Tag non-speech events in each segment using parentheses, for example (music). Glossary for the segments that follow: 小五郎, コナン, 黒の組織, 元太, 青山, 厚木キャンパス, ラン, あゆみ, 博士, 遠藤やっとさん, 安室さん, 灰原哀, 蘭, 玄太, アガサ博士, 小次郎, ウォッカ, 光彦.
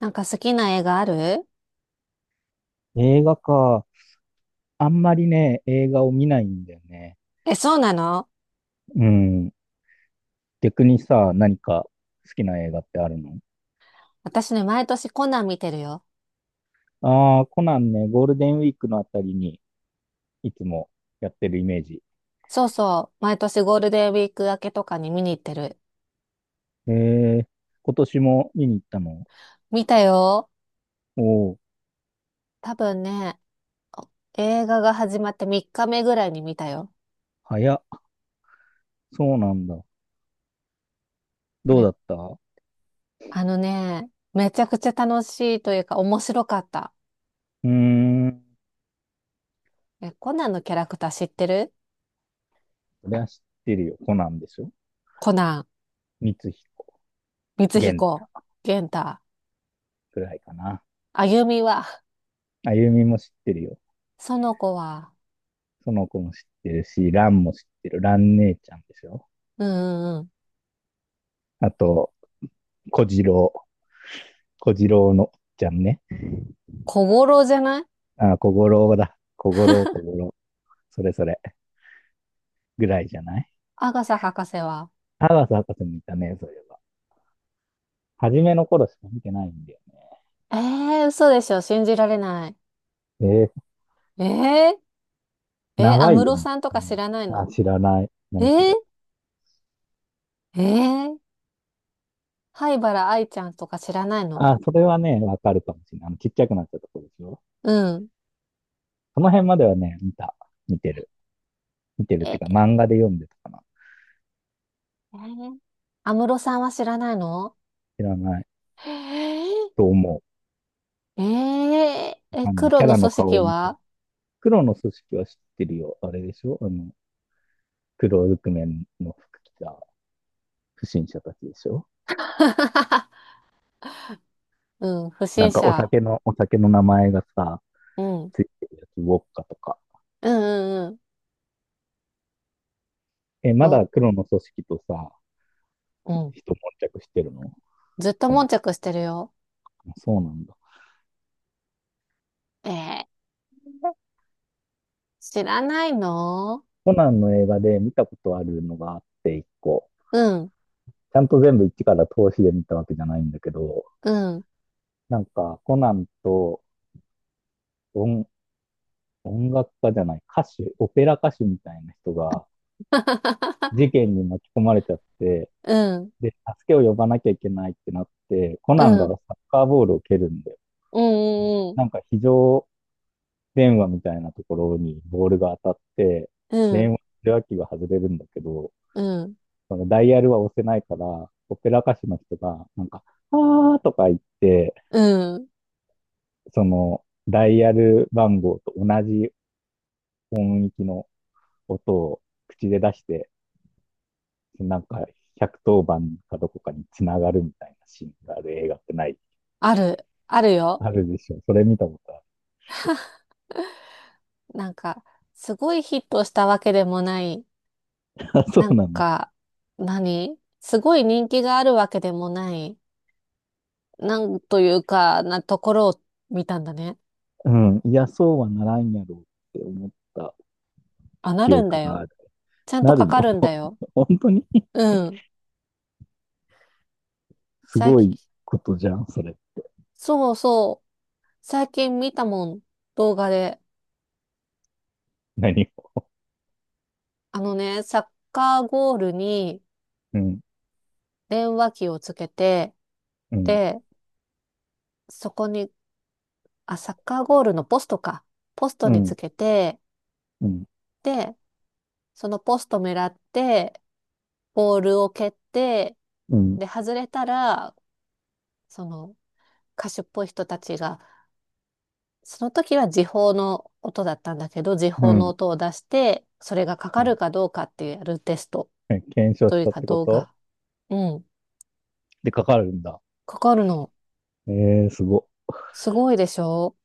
なんか好きな映画ある？映画か。あんまりね、映画を見ないんだよね。え、そうなの？うん。逆にさ、何か好きな映画ってあるの？私ね、毎年コナン見てるよ。ああー、コナンね、ゴールデンウィークのあたりにいつもやってるイメージ。そうそう。毎年ゴールデンウィーク明けとかに見に行ってる。ええ、今年も見に行ったの？見たよ。おおー、多分ね、映画が始まって3日目ぐらいに見たよ。早っ。そうなんだ。どうめ、だったうあのね、めちゃくちゃ楽しいというか面白かった。ーん。え、コナンのキャラクター知ってる？それは知ってるよ。コナンでしょ？コナン、光彦、光玄彦、太玄太、くらいかな。あゆみは？あゆみも知ってるよ。その子は？その子も知ってるし、ランも知ってる。ラン姉ちゃんでしょ？うんうんうん。あと、小次郎、小次郎のおちゃんね。小五郎じゃない？あ、小五郎だ。小五郎、小五郎。それそれ。ぐらいじゃない？アガサ博士は？博士もいたね、そういえば。初めの頃しか見てないんだよええー、嘘でしょ。信じられない。ね。えー、ええー、えー、長安いよ室ね。さんとうか知ん、らないあ、の？知らない。え何そー、れ。えー、灰原哀ちゃんとか知らないの？あ、それはね、わかるかもしれない。あの、ちっちゃくなっちゃったとこでしょ？うん。その辺まではね、見た。見てる。見てるっていえうか、え漫画で読んでたかな。ー、安室さんは知らないの？知らないえー、と思う。えー、え、あのね、黒キャのラの組顔織を見て。は？ 黒の組織は知ってるよ。あれでしょあの、黒ずくめの服着た不審者たちでしょ？ (laughs) うん、不な審んかお者。酒の、お酒の名前がさ、うん。うんついてるやつ、ウォッカとか。うんうん。え、まお、だ黒の組織とさ、うん。人悶着してるの？ずっとコナン。悶着してるよ。そうなんだ。えー、知らないの？コナンの映画で見たことあるのがあって一個。うん、ちゃんと全部一から通しで見たわけじゃないんだけど、うん。なんかコナンと音音楽家じゃない、歌手、オペラ歌手みたいな人が事 (laughs) 件に巻き込まれちゃって、うん、で、助けを呼ばなきゃいけないってなって、コナンうがサん。ッカーボールを蹴るんだよ。うん、うん、なんか非常電話みたいなところにボールが当たって、電話の受話器が外れるんだけど、うん、そのダイヤルは押せないから、オペラ歌手の人が、なんか、あーとか言って、うん。そのダイヤル番号と同じ音域の音を口で出して、なんか百1 0番かどこかにつながるみたいなシーンがある映画ってない？ある、あるよ。あるでしょ。それ見たことあなんか、すごいヒットしたわけでもない。る。(laughs) あ、そなうんなんだ。か、何すごい人気があるわけでもない。なんというか、なところを見たんだね。うん。いや、そうはならんやろうって思ったあ、な記るん憶だがよ。ある。ちゃんとなかるの？ かるんだよ。(laughs) 本当に (laughs) うん。す最ご近、いことじゃん、それ。そうそう。最近見たもん。動画で。何を。あのね、サッカーゴールにうん、電話機をつけて、うん、で、そこに、あ、サッカーゴールのポストか。ポストうにつん、けて、うん、で、そのポスト狙って、ボールを蹴って、うん、で、外れたら、その歌手っぽい人たちが、その時は時報の音だったんだけど、時う報のん。音を出して、それがかかるかどうかっていうやるテスト検証としいうたっかてこ動と？画。うん、でかかるんだ。かかるの。えー、すご。すごいでしょ？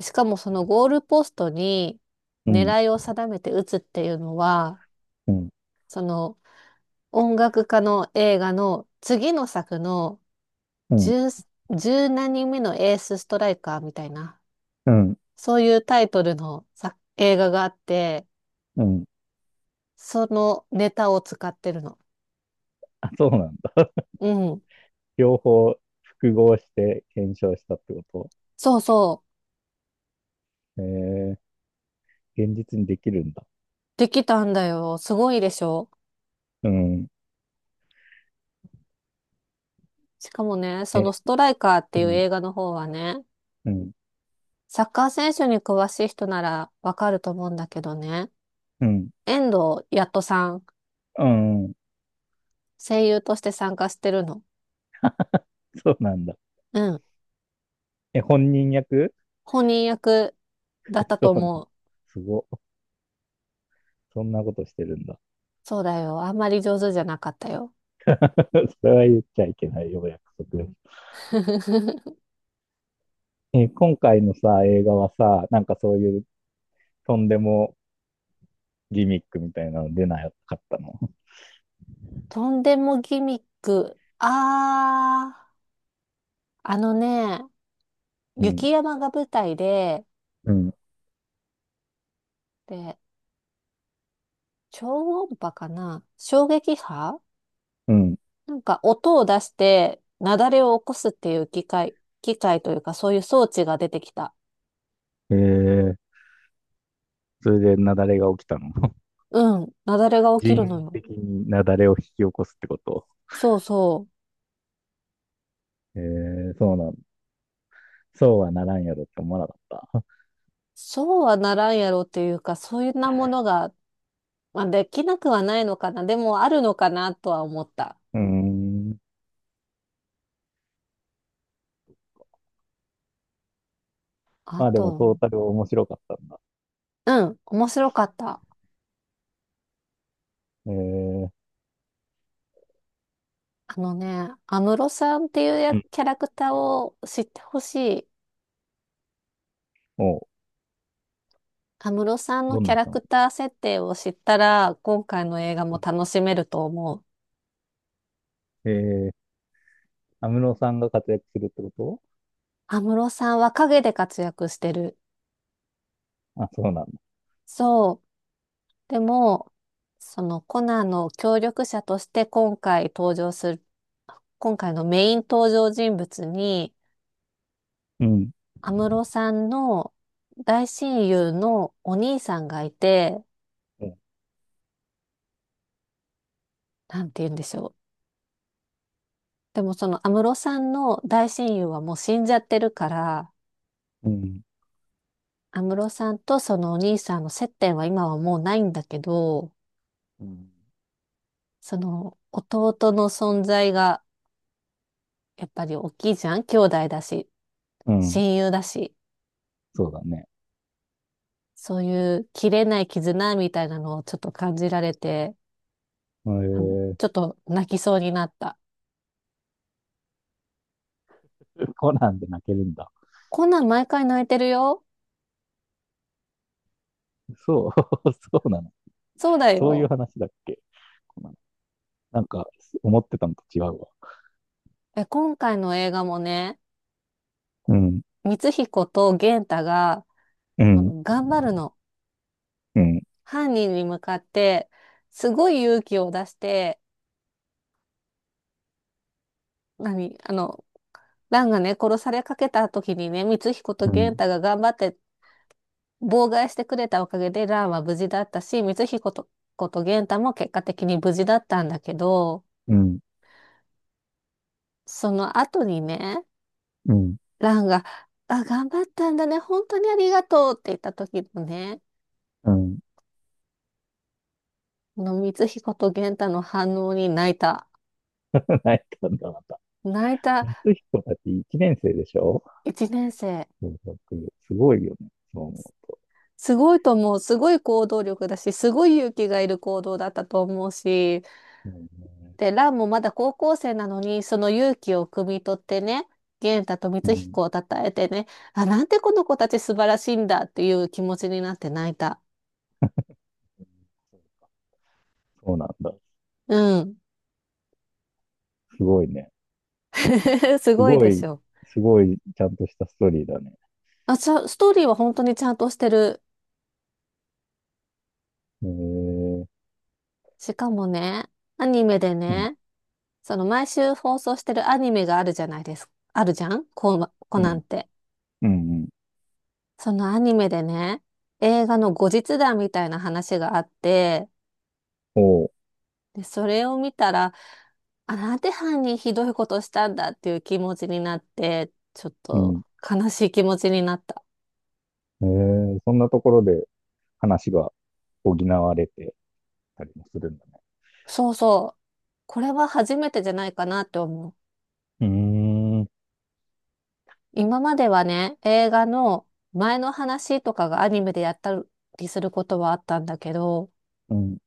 しかもそのゴールポストにうん、狙いを定めて打つっていうのは、うん、その音楽家の映画の次の作のうん、十、十何人目のエースストライカーみたいな、うん、そういうタイトルの作映画があって、うん。そのネタを使ってるの。あ、そうなんだ。うん。両方複合して検証したってこそうそう。とえー、現実にできるんだ。できたんだよ。すごいでしょ。うん。しかもね、そえ、のストライカーってういうん、映画の方はね、うん、サッカー選手に詳しい人ならわかると思うんだけどね、うん、遠藤やっとさん、うん。声優として参加してるの。そうなんだ。うん。え、本人役？ 本人役だった (laughs) そとうなんだ。思う。すご。そんなことしてるんだ。そうだよ。あんまり上手じゃなかったよ。(laughs) それは言っちゃいけないよ、約束。(laughs) えー今回のさ、映画はさ、なんかそういうとんでもギミックみたいなの出なかったの？とんでもギミック。あー、あのね、うん、雪山が舞台で、うん、で、超音波かな衝撃波、うん。なんか音を出して雪崩を起こすっていう機械、機械というかそういう装置が出てきた。えー、それで雪崩が起きたの？(laughs) うん、雪崩が起きるの人為よ。的に雪崩を引き起こすってこと？そうそう。えー、そうなんだ。そうはならんやろって思わなかった。そうはならんやろっていうか、そういうなものが、まあ、できなくはないのかな。でもあるのかなとは思った。(laughs) うーん。あまあでもと、トータル面白かったんだ。うん、面白かった。えー、あのね、安室さんっていうやうん。キャラクターを知ってほしい。おう、安室さんのどんキャなラ人なクの？ター設定を知ったら、今回の映画も楽しめると思う。えー、安室さんが活躍するってこと？安室さんは陰で活躍してる。あ、そうなんだ。そう。でも、そのコナンの協力者として今回登場する、今回のメイン登場人物に、うん。安室さんの大親友のお兄さんがいて、うんなんて言うんでしょう。でもその安室さんの大親友はもう死んじゃってるから、うん。安室さんとそのお兄さんの接点は今はもうないんだけど、うん。その弟の存在がやっぱり大きいじゃん、兄弟だし、うん。親友だし、そうだね。そういう切れない絆みたいなのをちょっと感じられて、あの、えちょっと泣きそうになった。ー、コナンで泣けるんだ。こんなん毎回泣いてるよ。そう、(laughs) そうなの。そうだそういうよ。話だっけ？コナン。なんか、思ってたのと違うわ。え、今回の映画もね、うん、光彦と玄太が、うあん、の頑張るの。うん、犯人に向かって、すごい勇気を出して、何、あの、蘭がね、殺されかけた時にね、光彦とう玄ん、太が頑張って妨害してくれたおかげで、蘭は無事だったし、光彦と、こと源太も結果的に無事だったんだけど、うん、その後にね、うん、蘭が、あ、頑張ったんだね、本当にありがとうって言った時のね、うん。この光彦と玄太の反応に泣いた。(laughs) 泣いたんだ、また。泣いた。光彦たち1年生でしょ？一年生。そう僕すごいよね。そう思すごいと思う。すごい行動力だし、すごい勇気がいる行動だったと思うし、う。うんで、ランもまだ高校生なのに、その勇気を汲み取ってね、元太とう光ん、彦を称えてね、あ、なんてこの子たち素晴らしいんだっていう気持ちになって泣いた。そうなんだ。うん。すごいね。(laughs) すすごいごでい、しょ。すごい、ちゃんとしたストーリーだね。ストーリーは本当にちゃんとしてる。えー、しかもね、アニメでうん、ね、その毎週放送してるアニメがあるじゃないですか。あるじゃん、コうナンっん。て。うんうん。そのアニメでね、映画の後日談みたいな話があって、おう。で、それを見たら、あ、なんで犯人ひどいことしたんだっていう気持ちになって、ちょっうん。と悲しい気持ちになった。えー、そんなところで話が補われてたりもするんだね。そうそう。これは初めてじゃないかなって思う。うーん。今まではね、映画の前の話とかがアニメでやったりすることはあったんだけど、うん。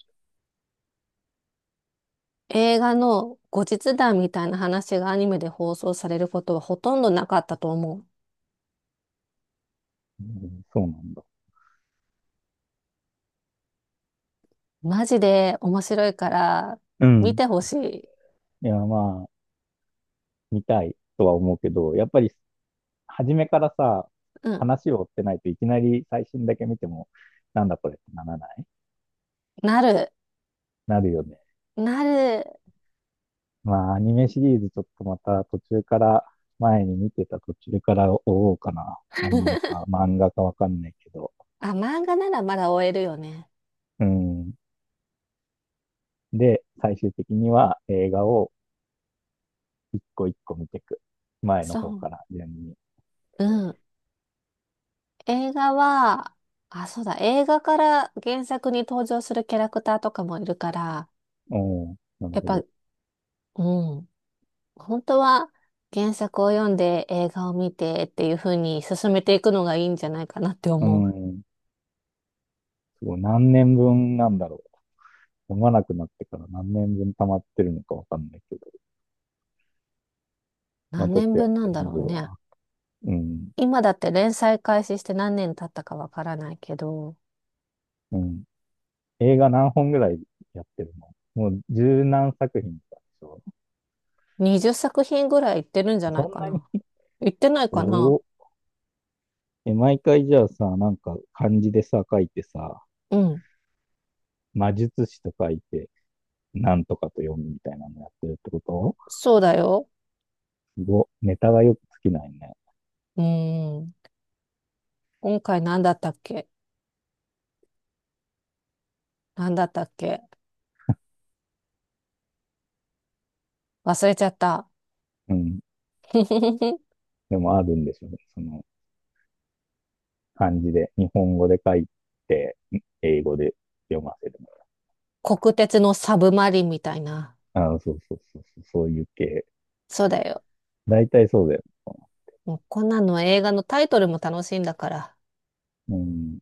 映画の後日談みたいな話がアニメで放送されることはほとんどなかったと思う。うんそうなんだ。マジで面白いから、う見ん。てほしい。いや、まあ、見たいとは思うけど、やっぱり初めからさ、うん。話を追ってないといきなり最新だけ見ても、なんだこれってならない？なる。なるよね。なる。まあ、アニメシリーズちょっとまた途中から、前に見てた途中から追おうかな。アニメか漫画かわかんないけど。あ、漫画ならまだ終えるよね。うん。で、最終的には映画を一個一個見ていく。前のそ方う。から順に。うん。映画は、あ、そうだ。映画から原作に登場するキャラクターとかもいるから、うん、なるやっほぱ、ど。うん。本当は原作を読んで映画を見てっていう風に進めていくのがいいんじゃないかなってうー思う。ん、すごい。何年分なんだろう。読まなくなってから何年分溜まってるのかわかんないけど。まあ何ちょっ年とやっ分なてんだみろうるね。わ。うん、今だって連載開始して何年経ったかわからないけど。うん。映画何本ぐらいやってるの？もう十何作品とかでしょ？20作品ぐらい行ってるんじゃそないんかなに、な。行ってないおかな。お、え、毎回じゃあさ、なんか漢字でさ、書いてさ、うん。魔術師と書いて、なんとかと読むみたいなのやってるってこと？そうだよ。すご、ネタがよく尽きないね。うーん。今回何だったっけ？何だったっけ？忘れちゃった。うん。(laughs) でもあるんでしょうね。その漢字で、日本語で書いて、英語で読ませる。国鉄のサブマリンみたいな。ああ、そうそうそうそう、そういう系。そうだよ。大体そうだよ。もうこんなの映画のタイトルも楽しいんだから。うん。